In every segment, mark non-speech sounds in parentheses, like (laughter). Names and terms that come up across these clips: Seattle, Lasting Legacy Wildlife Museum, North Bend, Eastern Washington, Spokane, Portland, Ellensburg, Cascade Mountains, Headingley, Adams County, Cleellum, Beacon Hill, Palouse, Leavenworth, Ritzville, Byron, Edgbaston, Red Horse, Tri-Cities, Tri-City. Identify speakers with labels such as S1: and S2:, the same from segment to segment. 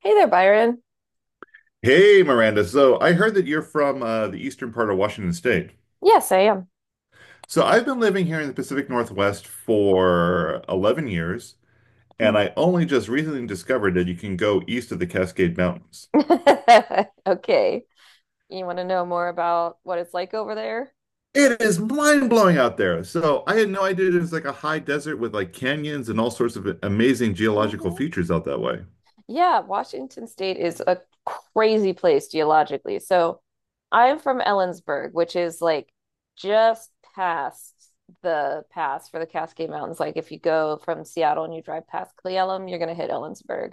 S1: Hey there, Byron.
S2: Hey, Miranda. So I heard that you're from the eastern part of Washington State.
S1: Yes, I am.
S2: So I've been living here in the Pacific Northwest for 11 years, and
S1: Mhm.
S2: I only just recently discovered that you can go east of the Cascade Mountains.
S1: (laughs) Okay. You want to know more about what it's like over there?
S2: It is mind-blowing out there. So I had no idea it was like a high desert with like canyons and all sorts of amazing geological features out that way.
S1: Yeah, Washington State is a crazy place geologically. So I'm from Ellensburg, which is like just past the pass for the Cascade Mountains. Like if you go from Seattle and you drive past Cleellum, you're going to hit Ellensburg.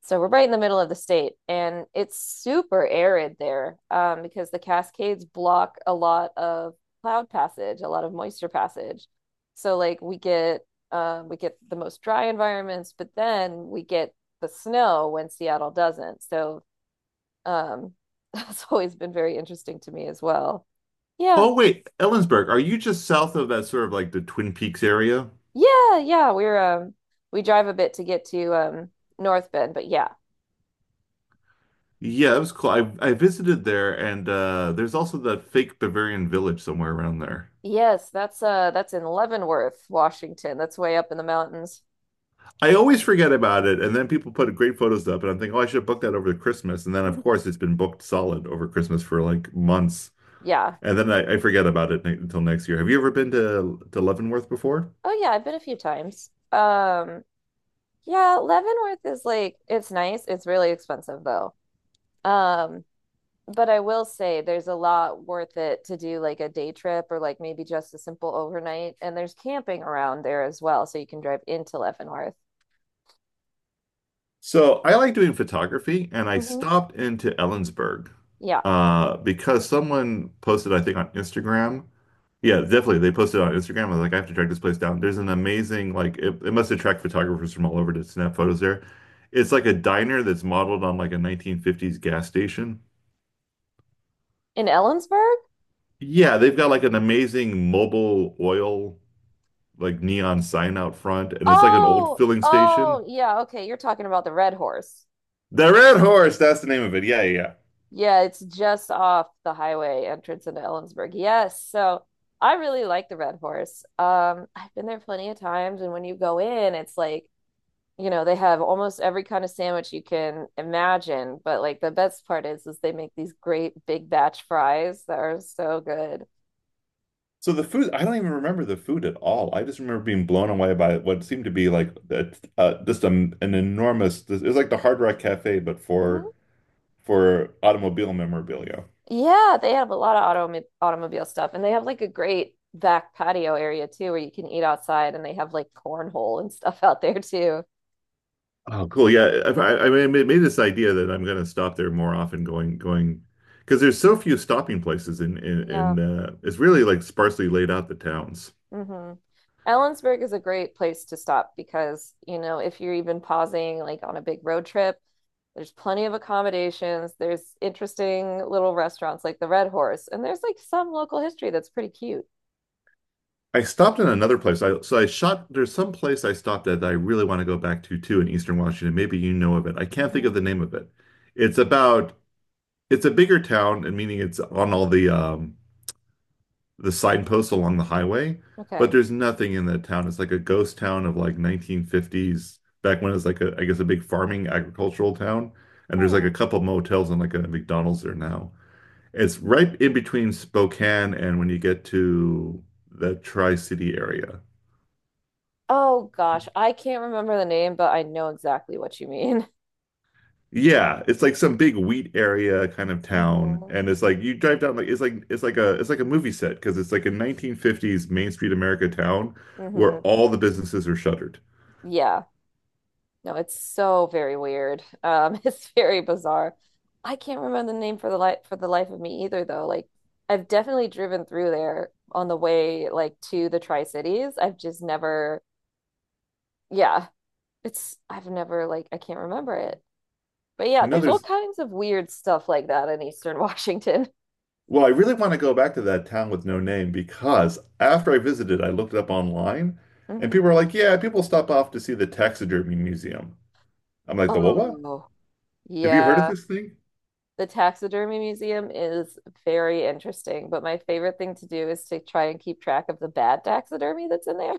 S1: So we're right in the middle of the state, and it's super arid there because the Cascades block a lot of cloud passage, a lot of moisture passage. So like we get the most dry environments, but then we get the snow when Seattle doesn't. So um, (laughs) that's always been very interesting to me as well. Yeah,
S2: Oh, wait, Ellensburg, are you just south of that sort of like the Twin Peaks area?
S1: yeah, yeah. We're we drive a bit to get to North Bend, but yeah,
S2: Yeah, it was cool. I visited there, and there's also that fake Bavarian village somewhere around there.
S1: yes, that's in Leavenworth, Washington. That's way up in the mountains.
S2: I always forget about it, and then people put great photos up, and I'm thinking, oh, I should have booked that over Christmas. And then, of
S1: (laughs)
S2: course, it's been booked solid over Christmas for like months,
S1: Yeah.
S2: and then I forget about it ne until next year. Have you ever been to Leavenworth before?
S1: Oh yeah, I've been a few times. Yeah, Leavenworth is like it's nice. It's really expensive though. Um, but I will say there's a lot worth it to do like a day trip or like maybe just a simple overnight. And there's camping around there as well. So you can drive into Leavenworth.
S2: So I like doing photography, and I
S1: Hmm.
S2: stopped into Ellensburg
S1: Yeah.
S2: because someone posted, I think, on Instagram. Yeah, definitely. They posted on Instagram. I was like, I have to track this place down. There's an amazing, like, it must attract photographers from all over to snap photos there. It's like a diner that's modeled on like a 1950s gas station.
S1: In Ellensburg?
S2: Yeah, they've got like an amazing mobile oil, like neon sign out front, and it's like an old
S1: Oh,
S2: filling station.
S1: oh, yeah. Okay. You're talking about the Red Horse.
S2: The Red Horse, that's the name of it. Yeah, yeah, yeah.
S1: Yeah. It's just off the highway entrance into Ellensburg. Yes. So I really like the Red Horse. I've been there plenty of times. And when you go in, it's like, you know, they have almost every kind of sandwich you can imagine, but like the best part is they make these great big batch fries that are so good.
S2: So the food, I don't even remember the food at all. I just remember being blown away by what seemed to be like an enormous, it was like the Hard Rock Cafe, but
S1: Mhm.
S2: for automobile memorabilia.
S1: Yeah, they have a lot of automobile stuff, and they have like a great back patio area too where you can eat outside, and they have like cornhole and (laughs) stuff out there too.
S2: Oh, cool. Yeah, I mean, made this idea that I'm going to stop there more often, going because there's so few stopping places in in,
S1: Yeah.
S2: in uh, it's really like sparsely laid out the towns.
S1: Hmm. Ellensburg is a great place to stop because, you know, if you're even pausing like on a big road trip, there's plenty of accommodations. There's interesting little restaurants like the Red Horse, and there's like some local history that's pretty cute.
S2: I stopped in another place. I so I shot. There's some place I stopped at that I really want to go back to too in Eastern Washington. Maybe you know of it. I can't think of
S1: Hmm.
S2: the name of it. It's about it's a bigger town, and meaning it's on all the signposts along the highway, but
S1: Okay.
S2: there's nothing in that town. It's like a ghost town of like 1950s, back when it was like I guess, a big farming agricultural town. And there's like a
S1: Hmm.
S2: couple motels and like a McDonald's there now. It's right in between Spokane and when you get to the Tri-City area.
S1: Oh gosh, I can't remember the name, but I know exactly what you mean.
S2: Yeah, it's like some big wheat area kind of
S1: (laughs)
S2: town,
S1: Hmm.
S2: and it's like you drive down like it's like a movie set because it's like a 1950s Main Street America town where
S1: Hmm.
S2: all the businesses are shuttered.
S1: Yeah. No, it's so very weird. (laughs) It's very bizarre. I can't remember the name for the life of me either, though. Like, I've definitely driven through there on the way, like to the Tri-Cities. I've just never, yeah, it's I've never like I can't remember it. But
S2: You
S1: yeah,
S2: know,
S1: there's all
S2: there's
S1: kinds of weird stuff like that in Eastern (laughs) Washington.
S2: well, I really want to go back to that town with no name because after I visited, I looked it up online and
S1: Mhm.
S2: people were like, yeah, people stop off to see the taxidermy museum. I'm like, the what?
S1: Oh,
S2: Have you heard of
S1: yeah.
S2: this thing?
S1: The taxidermy museum is very interesting, but my favorite thing to do is to try and keep track of the bad taxidermy that's in there.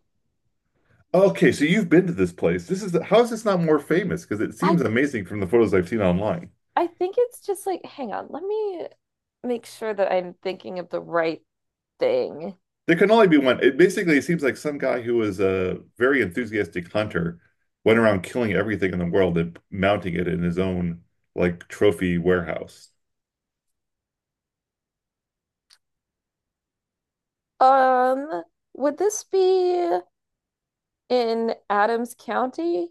S2: Okay, so you've been to this place. This is how is this not more famous? Because it
S1: I
S2: seems amazing from the photos I've seen online.
S1: I think it's just like, hang on, let me make sure that I'm thinking of the right thing.
S2: There can only be one. It basically seems like some guy who was a very enthusiastic hunter went around killing everything in the world and mounting it in his own like trophy warehouse.
S1: Um, would this be in Adams County?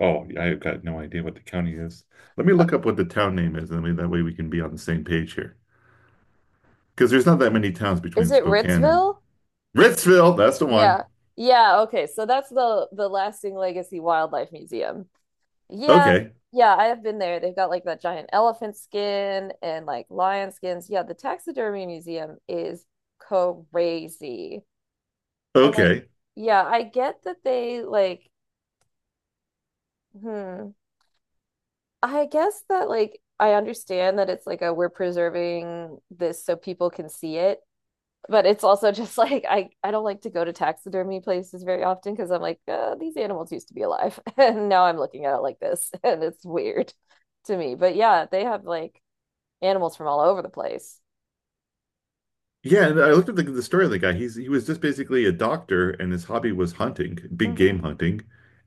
S2: Oh, yeah, I've got no idea what the county is. Let me
S1: Uh,
S2: look up what the town name is, and we- that way we can be on the same page here. Because there's not that many towns between
S1: Is it
S2: Spokane and
S1: Ritzville?
S2: Ritzville. That's the one.
S1: Yeah. Yeah, okay. So that's the Lasting Legacy Wildlife Museum. Yeah.
S2: Okay.
S1: Yeah, I have been there. They've got like that giant elephant skin and like lion skins. Yeah, the taxidermy museum is crazy. I'm like,
S2: Okay.
S1: yeah, I get that they like, hmm. I guess that like I understand that it's like a we're preserving this so people can see it, but it's also just (laughs) like I don't like to go to taxidermy places very often because I'm like these animals used to be alive (laughs) and now I'm looking at it like this (laughs) and it's weird to me. But yeah, they have like animals from all over the place.
S2: Yeah, and I looked at the story of the guy. He was just basically a doctor, and his hobby was hunting, big game
S1: Hmm.
S2: hunting,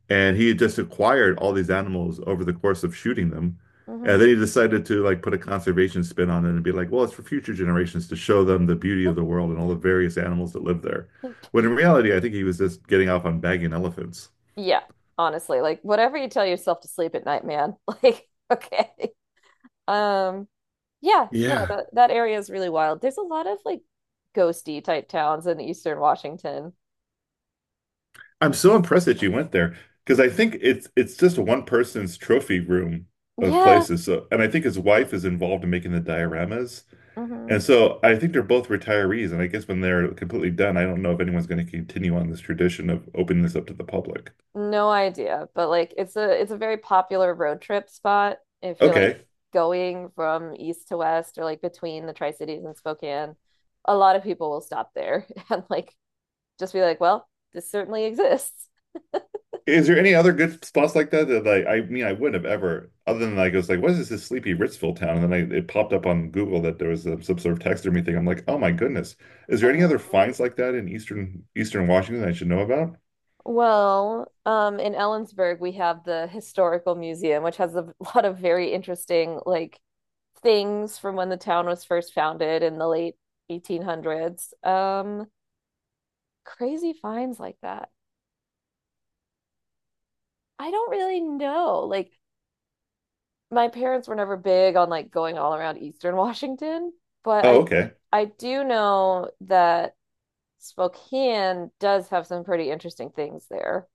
S2: and he had just acquired all these animals over the course of shooting them, and
S1: Hmm.
S2: then he decided to like put a conservation spin on it and be like, well, it's for future generations to show them the beauty of the world and all the various animals that live there. When
S1: (laughs)
S2: in reality, I think he was just getting off on bagging elephants.
S1: Yeah, honestly, like whatever you tell yourself to sleep at night, man. (laughs) Like okay. Um, yeah, no,
S2: Yeah,
S1: that area is really wild. There's a lot of like ghosty type towns in Eastern Washington.
S2: I'm so impressed that you went there because I think it's just one person's trophy room of
S1: Yeah.
S2: places. So, and I think his wife is involved in making the dioramas.
S1: Hmm.
S2: And so I think they're both retirees, and I guess when they're completely done, I don't know if anyone's going to continue on this tradition of opening this up to the public.
S1: No idea, but like it's a very popular road trip spot if you're like
S2: Okay.
S1: going from east to west or like between the Tri-Cities and Spokane. A lot of people will stop there (laughs) and like just be like, well, this certainly exists.
S2: Is there any other good spots like that that like I mean I wouldn't have ever other than like I was like what is this sleepy Ritzville town and then I, it popped up on Google that there was some sort of taxidermy thing I'm like oh my goodness is there any other
S1: Um,
S2: finds like that in eastern Washington I should know about?
S1: well, in Ellensburg we have the historical museum, which has a (laughs) lot of very interesting like things from when the town was first founded in the late 1800s. Crazy finds like that. I don't really know. Like my parents were never big on like going all around Eastern (laughs) Washington, but I
S2: Oh, okay.
S1: I do know that Spokane does have some pretty interesting things there.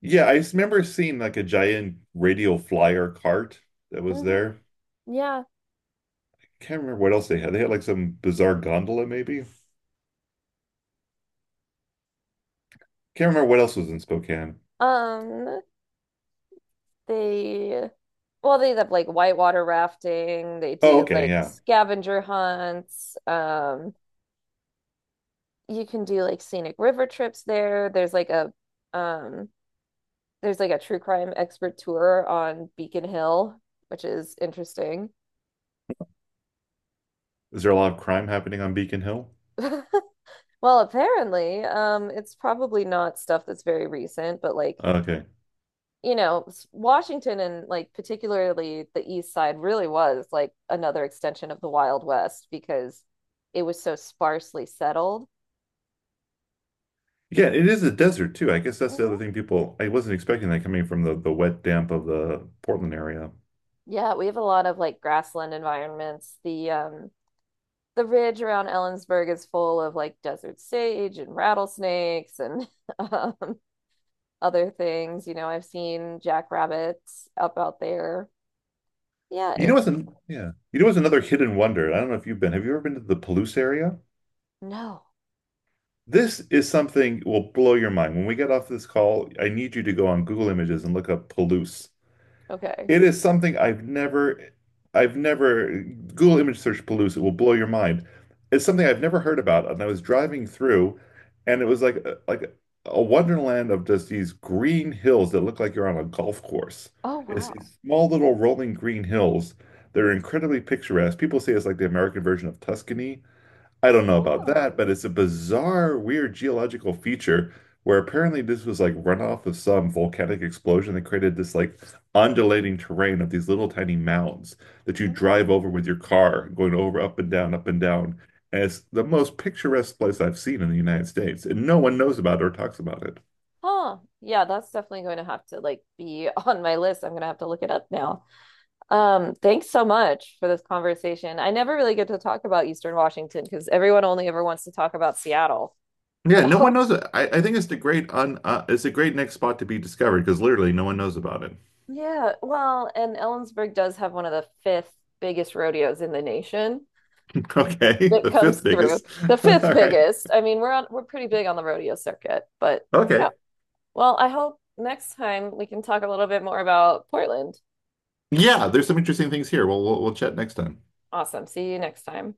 S2: Yeah, I s- remember seeing like a giant radial flyer cart that was
S1: Hmm.
S2: there.
S1: Yeah.
S2: Can't remember what else they had. They had like some bizarre gondola, maybe. Can't remember what else was in Spokane.
S1: Um, they well, they have like whitewater rafting, they
S2: Oh,
S1: do
S2: okay,
S1: like
S2: yeah.
S1: scavenger hunts. You can do like scenic river trips there. There's like a um there's like a true crime expert tour on Beacon Hill, which is interesting.
S2: Is there a lot of crime happening on Beacon Hill?
S1: (laughs) Well, apparently, it's probably not stuff that's very recent, but like,
S2: Okay.
S1: you know, Washington and like particularly the East Side really was like another extension of the Wild West because it was so sparsely settled.
S2: Yeah, it is a desert too. I guess that's the
S1: Mhm.
S2: other thing people, I wasn't expecting that coming from the wet damp of the Portland area.
S1: Yeah, we have a lot of like grassland environments. The the ridge around Ellensburg is full of like desert sage and rattlesnakes and (laughs) um other things. You know, I've seen jackrabbits up out there. Yeah,
S2: You know
S1: it's
S2: what's an, yeah. You know what's another hidden wonder? I don't know if you've been. Have you ever been to the Palouse area?
S1: no.
S2: This is something will blow your mind. When we get off this call, I need you to go on Google Images and look up Palouse.
S1: Okay.
S2: It is something I've never, Google image search Palouse, it will blow your mind. It's something I've never heard about. And I was driving through and it was like a wonderland of just these green hills that look like you're on a golf course.
S1: Oh,
S2: It's
S1: wow.
S2: these small little rolling green hills. They're incredibly picturesque. People say it's like the American version of Tuscany. I don't know about
S1: Oh,
S2: that, but it's a bizarre, weird geological feature where apparently this was like runoff of some volcanic explosion that created this like undulating terrain of these little tiny mounds that you
S1: oh,
S2: drive over with your car, going over up and down, up and down. And it's the most picturesque place I've seen in the United States, and no one
S1: wow.
S2: knows about it or talks about it.
S1: Huh. Yeah, that's definitely going to have to like be (laughs) on my list. I'm going to have to look it up now. Thanks so much for this conversation. I never really get to talk about Eastern Washington because everyone only ever wants to talk about Seattle.
S2: Yeah,
S1: So,
S2: no one knows it. I think it's the great it's a great next spot to be discovered because literally no one knows about it.
S1: (laughs) yeah, well, and Ellensburg does have one of the fifth biggest rodeos in the nation
S2: (laughs) Okay,
S1: that
S2: the
S1: comes
S2: fifth
S1: through.
S2: biggest.
S1: The
S2: (laughs) All
S1: fifth
S2: right.
S1: biggest. I mean, we're pretty big on the rodeo circuit, but
S2: Okay.
S1: yeah. Well, I hope next time we can talk a little bit more about Portland.
S2: Yeah, there's some interesting things here. Well, we'll chat next time.
S1: Awesome. See you next time.